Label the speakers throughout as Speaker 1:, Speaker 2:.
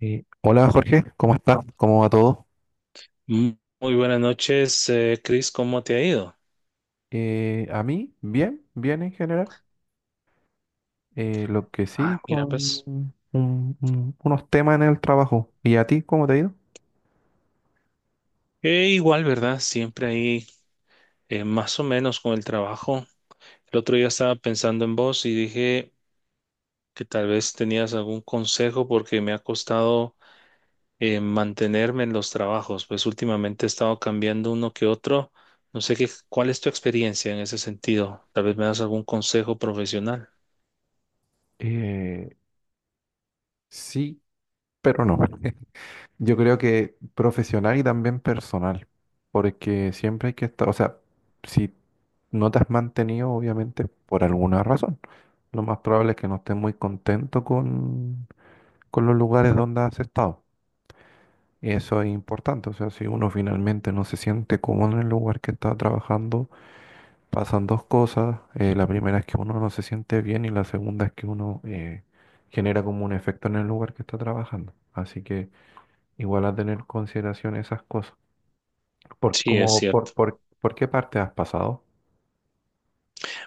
Speaker 1: Hola, Jorge, ¿cómo estás? ¿Cómo va todo?
Speaker 2: Mm, muy buenas noches, Chris, ¿cómo te ha ido?
Speaker 1: A mí, bien, bien en general. Lo que sí,
Speaker 2: Ah, mira,
Speaker 1: con
Speaker 2: pues
Speaker 1: unos temas en el trabajo. ¿Y a ti, cómo te ha ido?
Speaker 2: igual, ¿verdad? Siempre ahí, más o menos con el trabajo. El otro día estaba pensando en vos y dije que tal vez tenías algún consejo porque me ha costado mantenerme en los trabajos, pues últimamente he estado cambiando uno que otro. No sé qué, ¿cuál es tu experiencia en ese sentido? Tal vez me das algún consejo profesional.
Speaker 1: Eh, sí, pero no. Yo creo que profesional y también personal, porque siempre hay que estar, o sea, si no te has mantenido, obviamente, por alguna razón. Lo más probable es que no estés muy contento con los lugares donde has estado. Y eso es importante, o sea, si uno finalmente no se siente cómodo en el lugar que está trabajando, pasan dos cosas. La primera es que uno no se siente bien y la segunda es que uno genera como un efecto en el lugar que está trabajando. Así que igual a tener en consideración esas cosas. ¿Por,
Speaker 2: Sí, es
Speaker 1: como,
Speaker 2: cierto.
Speaker 1: por qué parte has pasado?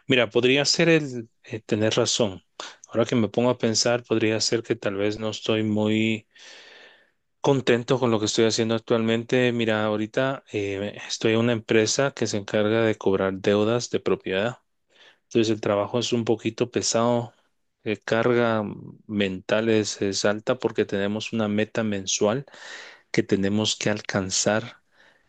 Speaker 2: Mira, podría ser el tener razón. Ahora que me pongo a pensar, podría ser que tal vez no estoy muy contento con lo que estoy haciendo actualmente. Mira, ahorita estoy en una empresa que se encarga de cobrar deudas de propiedad. Entonces el trabajo es un poquito pesado. Carga mental es alta porque tenemos una meta mensual que tenemos que alcanzar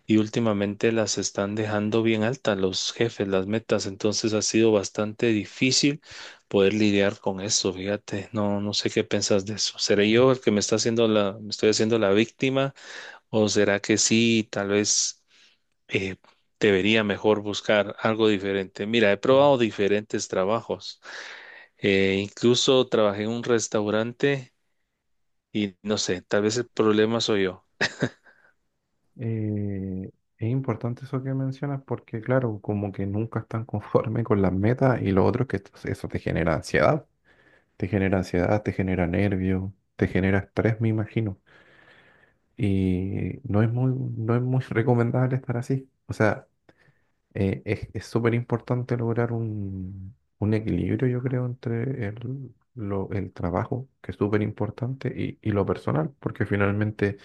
Speaker 2: y últimamente las están dejando bien altas los jefes, las metas, entonces ha sido bastante difícil poder lidiar con eso, fíjate, no sé qué piensas de eso. ¿Seré yo el que me está haciendo la, me estoy haciendo la víctima, o será que sí, tal vez eh, debería mejor buscar algo diferente? Mira, he probado diferentes trabajos, incluso trabajé en un restaurante y no sé, tal vez el problema soy yo.
Speaker 1: Eh, es importante eso que mencionas porque, claro, como que nunca están conforme con las metas y lo otro es que eso te genera ansiedad. Te genera ansiedad, te genera nervio, te genera estrés, me imagino. Y no es muy recomendable estar así. O sea, es súper importante lograr un equilibrio, yo creo, entre el trabajo, que es súper importante, y lo personal, porque finalmente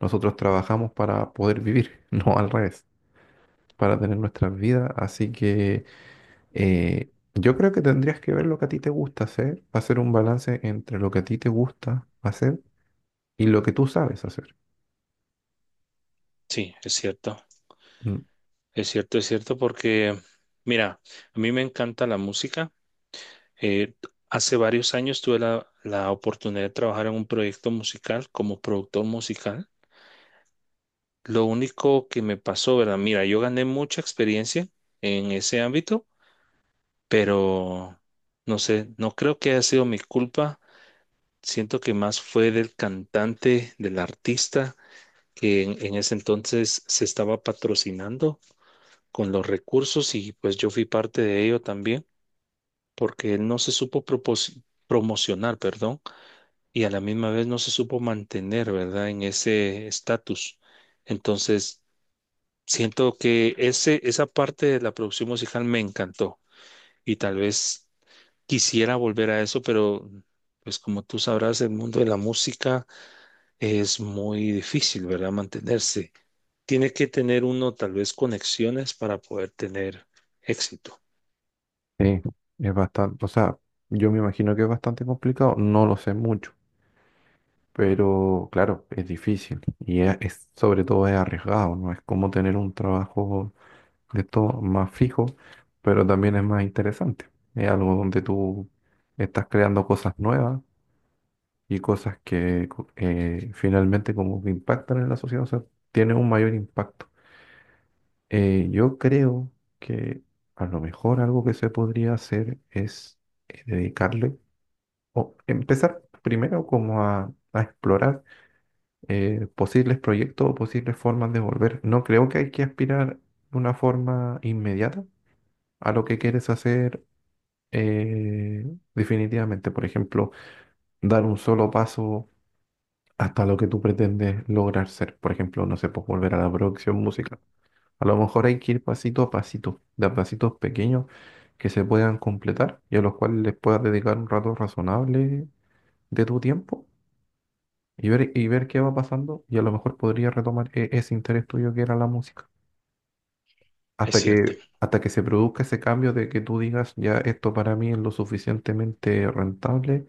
Speaker 1: nosotros trabajamos para poder vivir, no al revés, para tener nuestras vidas. Así que yo creo que tendrías que ver lo que a ti te gusta hacer, hacer un balance entre lo que a ti te gusta hacer y lo que tú sabes hacer.
Speaker 2: Sí, es cierto.
Speaker 1: Mm.
Speaker 2: Es cierto, es cierto, porque mira, a mí me encanta la música. Eh, Hace varios años tuve la oportunidad de trabajar en un proyecto musical como productor musical. Lo único que me pasó, ¿verdad? Mira, yo gané mucha experiencia en ese ámbito, pero no sé, no creo que haya sido mi culpa. Siento que más fue del cantante, del artista, que en ese entonces se estaba patrocinando con los recursos y pues yo fui parte de ello también porque él no se supo promocionar, perdón, y a la misma vez no se supo mantener, ¿verdad? En ese estatus. Entonces, siento que esa parte de la producción musical me encantó y tal vez quisiera volver a eso, pero pues como tú sabrás, el mundo de la música es muy difícil, ¿verdad? Mantenerse. Tiene que tener uno tal vez conexiones para poder tener éxito.
Speaker 1: Sí, es bastante, o sea, yo me imagino que es bastante complicado, no lo sé mucho, pero claro, es difícil y sobre todo es arriesgado, no es como tener un trabajo de todo más fijo, pero también es más interesante. Es algo donde tú estás creando cosas nuevas y cosas que finalmente como que impactan en la sociedad, o sea, tiene un mayor impacto. Yo creo que a lo mejor algo que se podría hacer es dedicarle o empezar primero como a explorar posibles proyectos o posibles formas de volver. No creo que hay que aspirar de una forma inmediata a lo que quieres hacer eh, definitivamente. Por ejemplo, dar un solo paso hasta lo que tú pretendes lograr ser. Por ejemplo, no sé, pues volver a la producción musical. A lo mejor hay que ir pasito a pasito, de a pasitos pequeños que se puedan completar y a los cuales les puedas dedicar un rato razonable de tu tiempo y y ver qué va pasando y a lo mejor podrías retomar ese interés tuyo que era la música.
Speaker 2: Es cierto,
Speaker 1: Hasta que se produzca ese cambio de que tú digas, ya esto para mí es lo suficientemente rentable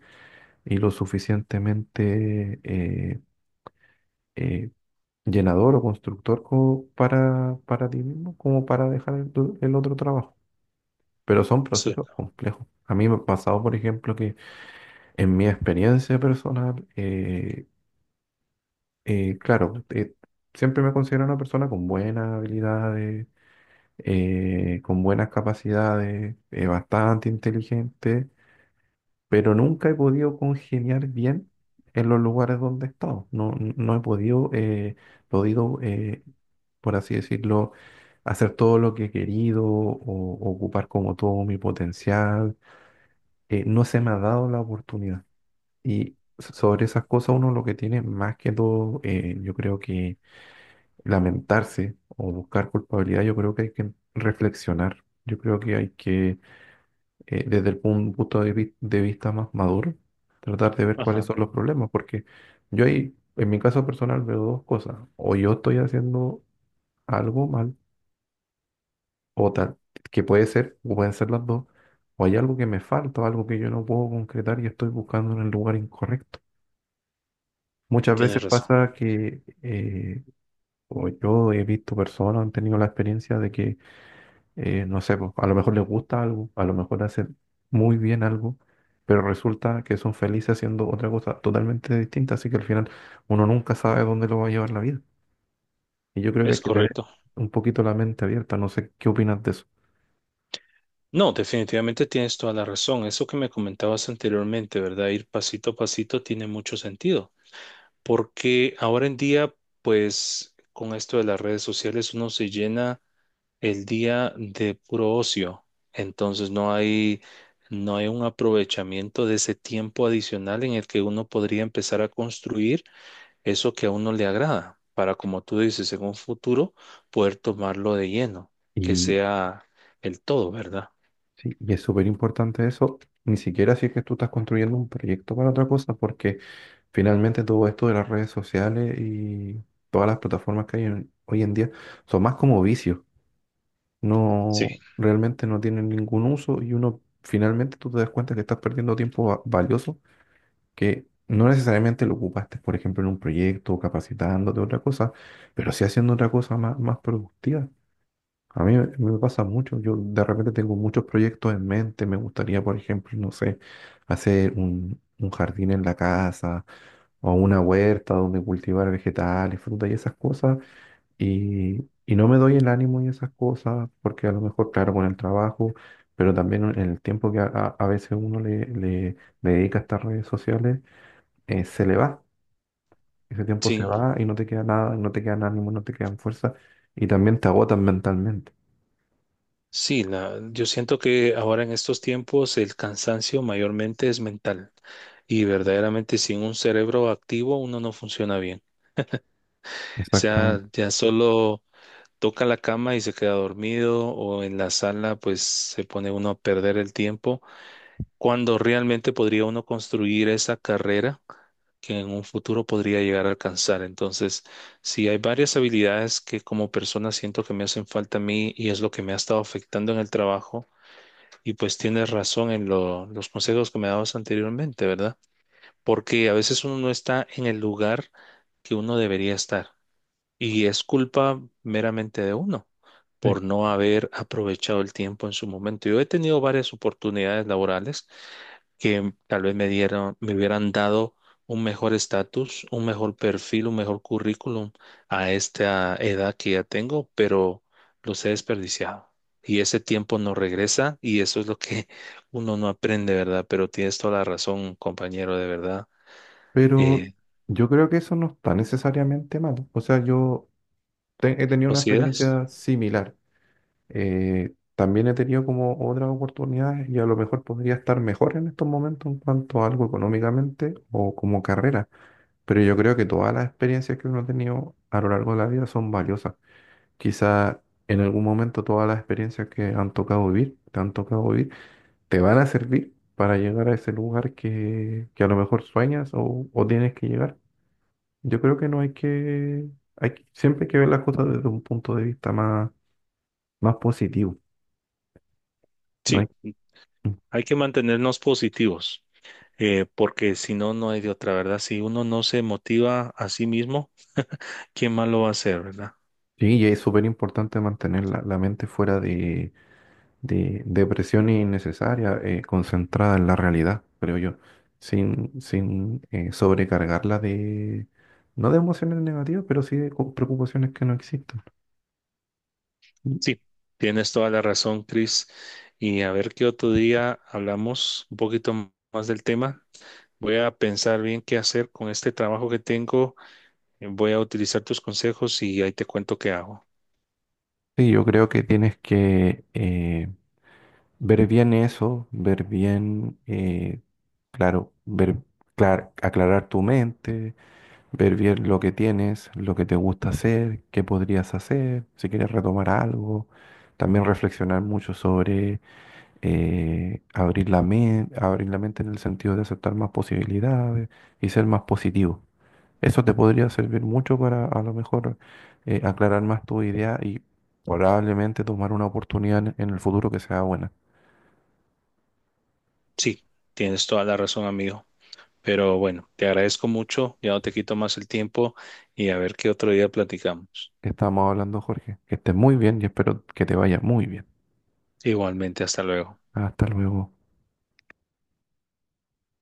Speaker 1: y lo suficientemente eh, llenador o constructor como para ti mismo como para dejar el otro trabajo. Pero son
Speaker 2: es
Speaker 1: procesos
Speaker 2: cierto.
Speaker 1: complejos. A mí me ha pasado, por ejemplo, que en mi experiencia personal, claro, siempre me considero una persona con buenas habilidades, con buenas capacidades, bastante inteligente, pero nunca he podido congeniar bien en los lugares donde he estado. No he podido, podido eh, por así decirlo, hacer todo lo que he querido o ocupar como todo mi potencial, no se me ha dado la oportunidad. Y sobre esas cosas uno lo que tiene más que todo, yo creo que lamentarse o buscar culpabilidad, yo creo que hay que reflexionar. Yo creo que hay que desde el punto de vista más maduro, tratar de ver cuáles
Speaker 2: Ajá,
Speaker 1: son los problemas, porque yo ahí, en mi caso personal, veo dos cosas. O yo estoy haciendo algo mal, o tal, que puede ser, o pueden ser las dos, o hay algo que me falta, o algo que yo no puedo concretar y estoy buscando en el lugar incorrecto. Muchas veces
Speaker 2: tienes razón,
Speaker 1: pasa que o yo he visto personas, han tenido la experiencia de que no sé, pues, a lo mejor les gusta algo, a lo mejor hacen muy bien algo, pero resulta que son felices haciendo otra cosa totalmente distinta, así que al final uno nunca sabe dónde lo va a llevar la vida. Y yo creo que hay
Speaker 2: es
Speaker 1: que tener
Speaker 2: correcto.
Speaker 1: un poquito la mente abierta, no sé qué opinas de eso.
Speaker 2: No, definitivamente tienes toda la razón. Eso que me comentabas anteriormente, ¿verdad? Ir pasito a pasito tiene mucho sentido, porque ahora en día, pues con esto de las redes sociales, uno se llena el día de puro ocio. Entonces no hay un aprovechamiento de ese tiempo adicional en el que uno podría empezar a construir eso que a uno le agrada, para como tú dices, en un futuro poder tomarlo de lleno, que sea el todo, ¿verdad?
Speaker 1: Sí, y es súper importante eso, ni siquiera si es que tú estás construyendo un proyecto para otra cosa, porque finalmente todo esto de las redes sociales y todas las plataformas que hay hoy en día son más como vicios,
Speaker 2: Sí,
Speaker 1: no, realmente no tienen ningún uso y uno finalmente tú te das cuenta que estás perdiendo tiempo valioso que no necesariamente lo ocupaste, por ejemplo, en un proyecto, capacitándote, otra cosa, pero sí haciendo otra cosa más, más productiva. A mí me pasa mucho, yo de repente tengo muchos proyectos en mente, me gustaría, por ejemplo, no sé, hacer un jardín en la casa o una huerta donde cultivar vegetales, frutas y esas cosas, y no me doy el ánimo y esas cosas, porque a lo mejor, claro, con el trabajo, pero también en el tiempo que a veces uno le dedica a estas redes sociales, se le va, ese tiempo se
Speaker 2: sí,
Speaker 1: va y no te queda nada, no te quedan ánimo, no te quedan fuerza, y también te agotan mentalmente.
Speaker 2: sí, la, yo siento que ahora en estos tiempos el cansancio mayormente es mental y verdaderamente sin un cerebro activo uno no funciona bien. O sea,
Speaker 1: Exactamente.
Speaker 2: ya solo toca la cama y se queda dormido o en la sala pues se pone uno a perder el tiempo cuando realmente podría uno construir esa carrera que en un futuro podría llegar a alcanzar. Entonces, sí, hay varias habilidades que como persona siento que me hacen falta a mí y es lo que me ha estado afectando en el trabajo. Y pues tienes razón en los consejos que me dabas anteriormente, ¿verdad? Porque a veces uno no está en el lugar que uno debería estar y es culpa meramente de uno por no haber aprovechado el tiempo en su momento. Yo he tenido varias oportunidades laborales que tal vez me dieron, me hubieran dado un mejor estatus, un mejor perfil, un mejor currículum a esta edad que ya tengo, pero los he desperdiciado. Y ese tiempo no regresa y eso es lo que uno no aprende, ¿verdad? Pero tienes toda la razón, compañero, de verdad.
Speaker 1: Pero
Speaker 2: Eh,
Speaker 1: yo creo que eso no está necesariamente mal. O sea, yo he tenido una
Speaker 2: ¿Consideras?
Speaker 1: experiencia similar. También he tenido como otras oportunidades y a lo mejor podría estar mejor en estos momentos en cuanto a algo económicamente o como carrera. Pero yo creo que todas las experiencias que uno ha tenido a lo largo de la vida son valiosas. Quizá en algún momento todas las experiencias que han tocado vivir, te han tocado vivir, te van a servir para llegar a ese lugar que a lo mejor sueñas o tienes que llegar. Yo creo que no hay que, siempre hay que ver las cosas desde un punto de vista más, más positivo. No
Speaker 2: Sí,
Speaker 1: hay,
Speaker 2: hay que mantenernos positivos. Porque si no, no hay de otra, ¿verdad? Si uno no se motiva a sí mismo, ¿quién más lo va a hacer, verdad?
Speaker 1: sí, y es súper importante mantener la mente fuera de presiones innecesarias, concentrada en la realidad, creo yo, sin sobrecargarla de, no de emociones negativas, pero sí de preocupaciones que no existen. Y...
Speaker 2: Sí, tienes toda la razón, Chris. Y a ver qué otro día hablamos un poquito más del tema. Voy a pensar bien qué hacer con este trabajo que tengo. Voy a utilizar tus consejos y ahí te cuento qué hago.
Speaker 1: Sí, yo creo que tienes que ver bien eso, ver bien... Claro, ver, aclarar tu mente, ver bien lo que tienes, lo que te gusta hacer, qué podrías hacer, si quieres retomar algo. También reflexionar mucho sobre abrir la mente en el sentido de aceptar más posibilidades y ser más positivo. Eso te podría servir mucho para a lo mejor aclarar más tu idea y probablemente tomar una oportunidad en el futuro que sea buena.
Speaker 2: Sí, tienes toda la razón, amigo. Pero bueno, te agradezco mucho. Ya no te quito más el tiempo y a ver qué otro día platicamos.
Speaker 1: Estamos hablando, Jorge. Que estés muy bien y espero que te vaya muy bien.
Speaker 2: Igualmente, hasta luego.
Speaker 1: Hasta luego.